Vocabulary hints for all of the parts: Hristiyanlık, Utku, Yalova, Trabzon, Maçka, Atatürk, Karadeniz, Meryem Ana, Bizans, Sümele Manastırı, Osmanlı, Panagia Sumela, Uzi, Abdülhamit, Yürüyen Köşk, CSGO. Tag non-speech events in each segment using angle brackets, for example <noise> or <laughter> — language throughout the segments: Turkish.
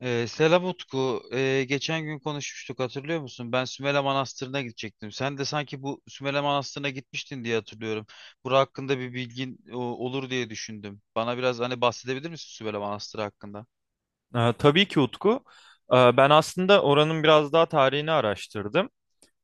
Selam Utku. Geçen gün konuşmuştuk, hatırlıyor musun? Ben Sümele Manastırı'na gidecektim. Sen de sanki bu Sümele Manastırı'na gitmiştin diye hatırlıyorum. Bura hakkında bir bilgin olur diye düşündüm. Bana biraz hani bahsedebilir misin Sümele Manastırı hakkında? Tabii ki Utku. Ben aslında oranın biraz daha tarihini araştırdım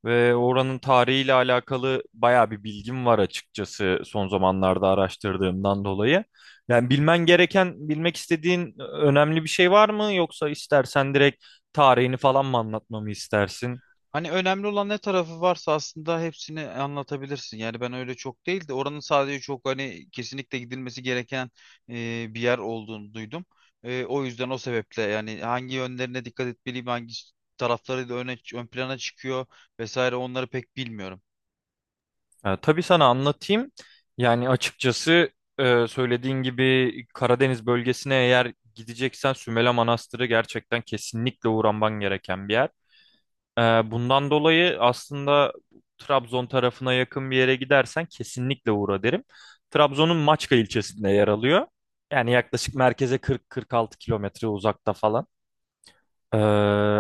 ve oranın tarihiyle alakalı bayağı bir bilgim var, açıkçası son zamanlarda araştırdığımdan dolayı. Yani bilmen gereken, bilmek istediğin önemli bir şey var mı, yoksa istersen direkt tarihini falan mı anlatmamı istersin? Hani önemli olan ne tarafı varsa aslında hepsini anlatabilirsin. Yani ben öyle çok değil de oranın sadece çok hani kesinlikle gidilmesi gereken bir yer olduğunu duydum. O yüzden o sebeple yani hangi yönlerine dikkat etmeliyim, hangi tarafları da öne, ön plana çıkıyor vesaire onları pek bilmiyorum. Tabii, sana anlatayım. Yani açıkçası söylediğin gibi Karadeniz bölgesine eğer gideceksen Sümele Manastırı gerçekten kesinlikle uğraman gereken bir yer. Ee, Bundan dolayı aslında Trabzon tarafına yakın bir yere gidersen kesinlikle uğra derim. Trabzon'un Maçka ilçesinde yer alıyor. Yani yaklaşık merkeze 40-46 kilometre uzakta falan. Ee,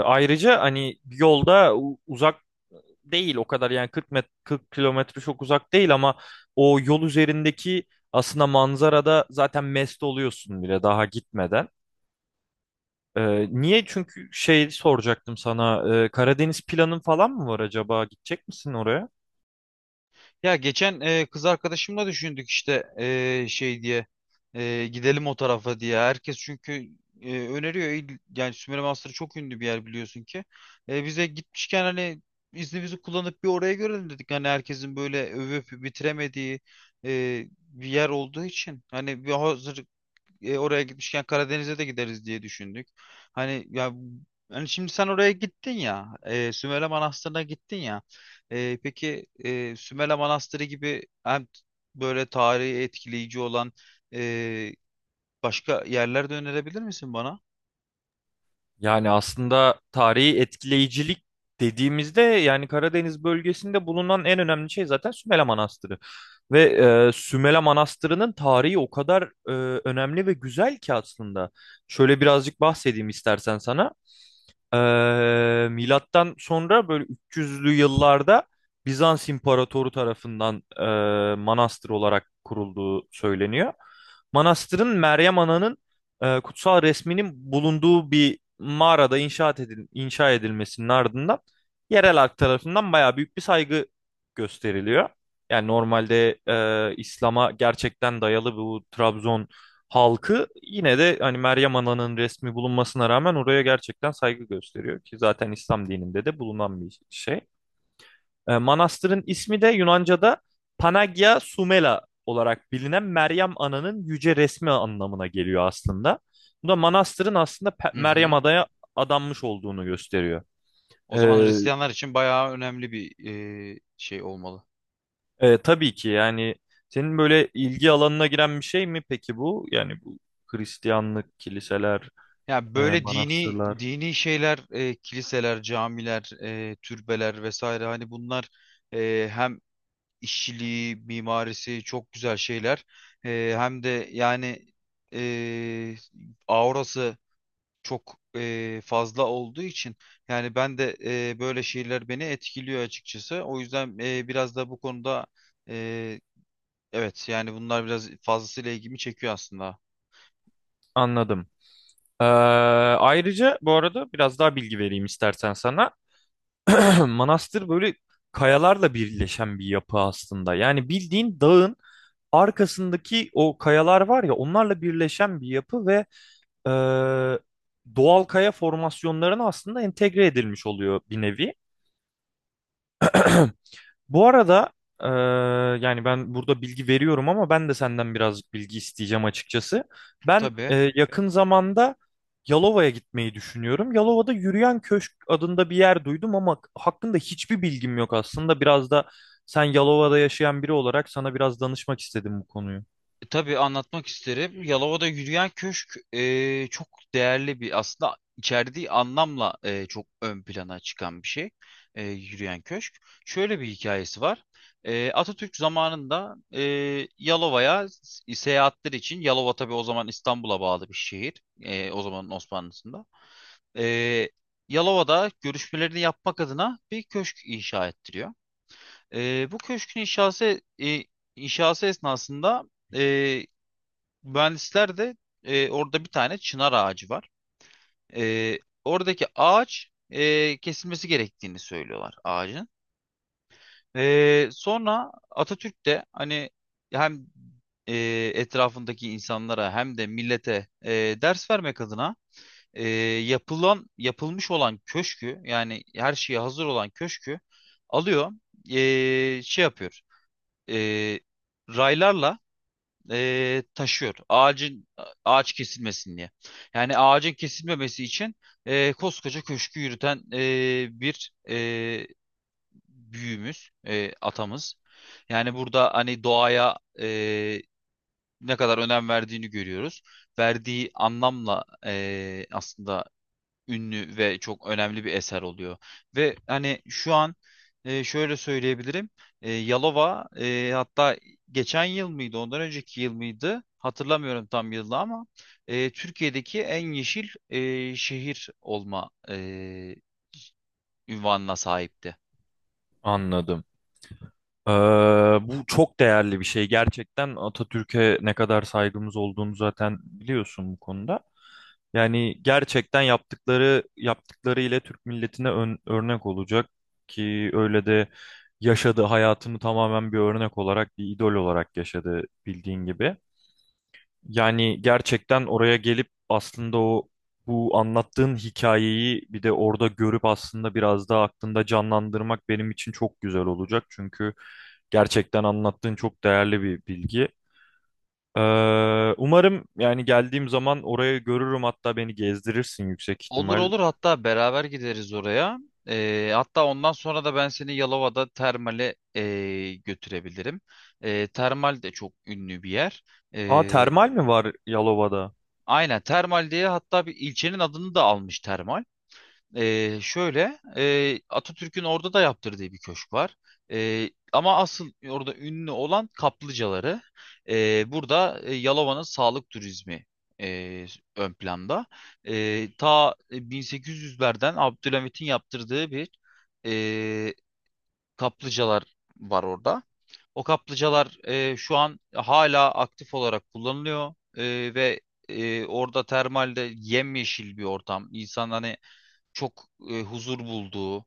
Ayrıca hani yolda uzak değil o kadar, yani 40 40 kilometre çok uzak değil ama o yol üzerindeki aslında manzarada zaten mest oluyorsun bile, daha gitmeden. Niye? Çünkü şey soracaktım sana. Karadeniz planın falan mı var acaba? Gidecek misin oraya? Ya geçen kız arkadaşımla düşündük işte gidelim o tarafa diye. Herkes çünkü öneriyor. Yani Sümele Manastırı çok ünlü bir yer, biliyorsun ki. Bize gitmişken hani iznimizi kullanıp bir oraya görelim dedik. Hani herkesin böyle övüp bitiremediği bir yer olduğu için. Hani bir hazır oraya gitmişken Karadeniz'e de gideriz diye düşündük. Hani ya, hani şimdi sen oraya gittin ya, Sümele Manastırı'na gittin ya. Peki Sümele Manastırı gibi hem böyle tarihi etkileyici olan e, başka yerler de önerebilir misin bana? Yani aslında tarihi etkileyicilik dediğimizde, yani Karadeniz bölgesinde bulunan en önemli şey zaten Sümele Manastırı. Ve Sümele Manastırı'nın tarihi o kadar önemli ve güzel ki aslında. Şöyle birazcık bahsedeyim istersen sana. Milattan sonra böyle 300'lü yıllarda Bizans İmparatoru tarafından manastır olarak kurulduğu söyleniyor. Manastırın Meryem Ana'nın kutsal resminin bulunduğu bir mağarada inşa edilmesinin ardından yerel halk tarafından bayağı büyük bir saygı gösteriliyor. Yani normalde İslam'a gerçekten dayalı bu Trabzon halkı, yine de hani Meryem Ana'nın resmi bulunmasına rağmen oraya gerçekten saygı gösteriyor ki zaten İslam dininde de bulunan bir şey. Manastırın ismi de Yunanca'da Panagia Sumela olarak bilinen Meryem Ana'nın yüce resmi anlamına geliyor aslında. Bu da manastırın aslında Hı Meryem hı. Ada'ya adanmış olduğunu gösteriyor. O E, zaman Hristiyanlar için bayağı önemli bir şey olmalı. Tabii ki yani, senin böyle ilgi alanına giren bir şey mi peki bu? Yani bu Hristiyanlık, kiliseler, Ya böyle dini manastırlar. dini şeyler, kiliseler, camiler, türbeler vesaire, hani bunlar hem işçiliği, mimarisi çok güzel şeyler. Hem de yani e, aurası çok fazla olduğu için yani ben de böyle şeyler beni etkiliyor açıkçası. O yüzden biraz da bu konuda e, evet, yani bunlar biraz fazlasıyla ilgimi çekiyor aslında. Anladım. Ee, Ayrıca bu arada biraz daha bilgi vereyim istersen sana. <clears throat> Manastır böyle kayalarla birleşen bir yapı aslında. Yani bildiğin dağın arkasındaki o kayalar var ya, onlarla birleşen bir yapı ve e, doğal kaya formasyonlarına aslında entegre edilmiş oluyor bir nevi. <clears throat> Bu arada eee, yani ben burada bilgi veriyorum ama ben de senden birazcık bilgi isteyeceğim açıkçası. Ben Tabii. Yakın zamanda Yalova'ya gitmeyi düşünüyorum. Yalova'da Yürüyen Köşk adında bir yer duydum ama hakkında hiçbir bilgim yok aslında. Biraz da sen Yalova'da yaşayan biri olarak sana biraz danışmak istedim bu konuyu. Tabii anlatmak isterim. Yalova'da yürüyen köşk çok değerli bir, aslında içerdiği anlamla çok ön plana çıkan bir şey. Yürüyen köşk. Şöyle bir hikayesi var. Atatürk zamanında Yalova'ya seyahatler için, Yalova tabii o zaman İstanbul'a bağlı bir şehir. O zamanın Osmanlısında. E, Yalova'da görüşmelerini yapmak adına bir köşk inşa ettiriyor. Bu köşkün inşası esnasında e, mühendisler de orada bir tane çınar ağacı var. E, Oradaki ağaç kesilmesi gerektiğini söylüyorlar ağacın. Sonra Atatürk de hani hem e, etrafındaki insanlara hem de millete ders vermek adına e, yapılmış olan köşkü, yani her şeye hazır olan köşkü alıyor, şey yapıyor. E, Raylarla taşıyor. Ağaç kesilmesin diye. Yani ağacın kesilmemesi için koskoca köşkü yürüten bir büyüğümüz, atamız. Yani burada hani doğaya ne kadar önem verdiğini görüyoruz. Verdiği anlamla aslında ünlü ve çok önemli bir eser oluyor. Ve hani şu an şöyle söyleyebilirim. Yalova hatta geçen yıl mıydı, ondan önceki yıl mıydı, hatırlamıyorum tam yılı ama Türkiye'deki en yeşil şehir olma ünvanına sahipti. Anladım. Eee, Bu çok değerli bir şey gerçekten. Atatürk'e ne kadar saygımız olduğunu zaten biliyorsun bu konuda. Yani gerçekten yaptıkları ile Türk milletine örnek olacak ki öyle de yaşadı, hayatını tamamen bir örnek olarak, bir idol olarak yaşadı bildiğin gibi. Yani gerçekten oraya gelip aslında o, bu anlattığın hikayeyi bir de orada görüp aslında biraz daha aklında canlandırmak benim için çok güzel olacak. Çünkü gerçekten anlattığın çok değerli bir bilgi. Umarım yani geldiğim zaman orayı görürüm, hatta beni gezdirirsin yüksek Olur ihtimal. olur, hatta beraber gideriz oraya. Hatta ondan sonra da ben seni Yalova'da termale götürebilirim. Termal de çok ünlü bir yer. Aa, E, termal mi var Yalova'da? Aynen, termal diye hatta bir ilçenin adını da almış, termal. Şöyle Atatürk'ün orada da yaptırdığı bir köşk var. Ama asıl orada ünlü olan kaplıcaları. Burada Yalova'nın sağlık turizmi e, ön planda. Ta 1800'lerden Abdülhamit'in yaptırdığı bir e, kaplıcalar var orada. O kaplıcalar şu an hala aktif olarak kullanılıyor. Ve orada termalde yemyeşil bir ortam. İnsan hani çok huzur bulduğu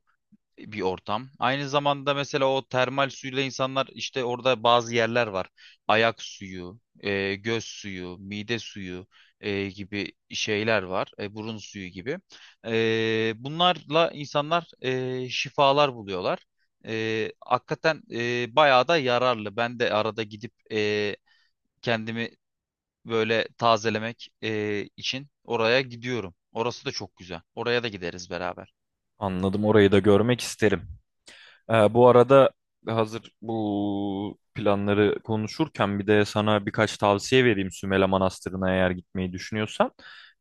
bir ortam. Aynı zamanda mesela o termal suyla insanlar işte, orada bazı yerler var. Ayak suyu, göz suyu, mide suyu gibi şeyler var. Burun suyu gibi. Bunlarla insanlar şifalar buluyorlar. Hakikaten bayağı da yararlı. Ben de arada gidip kendimi böyle tazelemek için oraya gidiyorum. Orası da çok güzel. Oraya da gideriz beraber. Anladım, orayı da görmek isterim. Bu arada hazır bu planları konuşurken bir de sana birkaç tavsiye vereyim Sümele Manastırı'na eğer gitmeyi düşünüyorsan.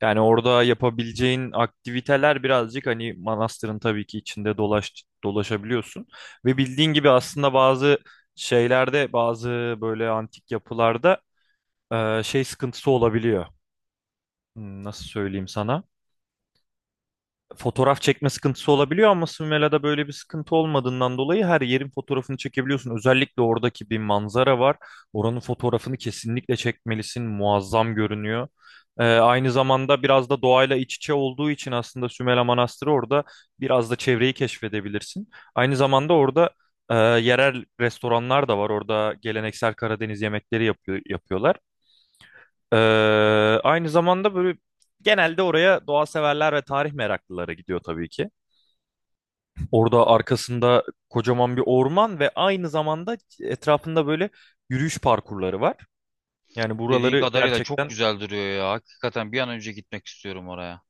Yani orada yapabileceğin aktiviteler, birazcık hani manastırın tabii ki içinde dolaşabiliyorsun. Ve bildiğin gibi aslında bazı şeylerde, bazı böyle antik yapılarda şey sıkıntısı olabiliyor. Nasıl söyleyeyim sana? Fotoğraf çekme sıkıntısı olabiliyor ama Sümela'da böyle bir sıkıntı olmadığından dolayı her yerin fotoğrafını çekebiliyorsun. Özellikle oradaki bir manzara var. Oranın fotoğrafını kesinlikle çekmelisin. Muazzam görünüyor. Aynı zamanda biraz da doğayla iç içe olduğu için aslında Sümela Manastırı, orada biraz da çevreyi keşfedebilirsin. Aynı zamanda orada yerel restoranlar da var. Orada geleneksel Karadeniz yemekleri yapıyorlar. Ee, Aynı zamanda böyle genelde oraya doğa severler ve tarih meraklıları gidiyor tabii ki. Orada arkasında kocaman bir orman ve aynı zamanda etrafında böyle yürüyüş parkurları var. Yani Dediğin buraları kadarıyla çok gerçekten, güzel duruyor ya. Hakikaten bir an önce gitmek istiyorum oraya.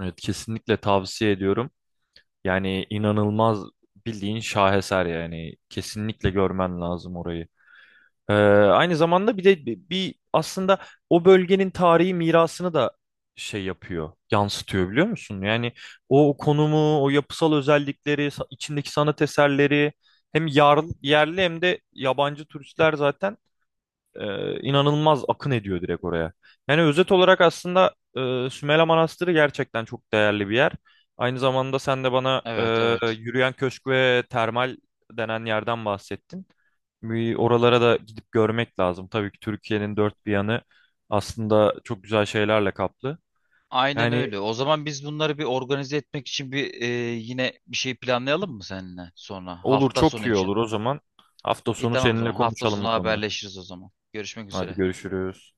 evet, kesinlikle tavsiye ediyorum. Yani inanılmaz, bildiğin şaheser, yani kesinlikle görmen lazım orayı. Aynı zamanda bir de bir aslında o bölgenin tarihi mirasını da yansıtıyor, biliyor musun? Yani o konumu, o yapısal özellikleri, içindeki sanat eserleri, hem yerli hem de yabancı turistler zaten inanılmaz akın ediyor direkt oraya. Yani özet olarak aslında Sümela Manastırı gerçekten çok değerli bir yer. Aynı zamanda sen de bana Evet, evet. yürüyen köşk ve termal denen yerden bahsettin. Bir oralara da gidip görmek lazım. Tabii ki Türkiye'nin dört bir yanı aslında çok güzel şeylerle kaplı. Aynen Yani öyle. O zaman biz bunları bir organize etmek için yine bir şey planlayalım mı seninle sonra? olur, Hafta çok sonu iyi için. olur o zaman. Hafta İyi, sonu tamam o seninle zaman. Hafta konuşalım bu sonu konuda. haberleşiriz o zaman. Görüşmek Hadi, üzere. görüşürüz.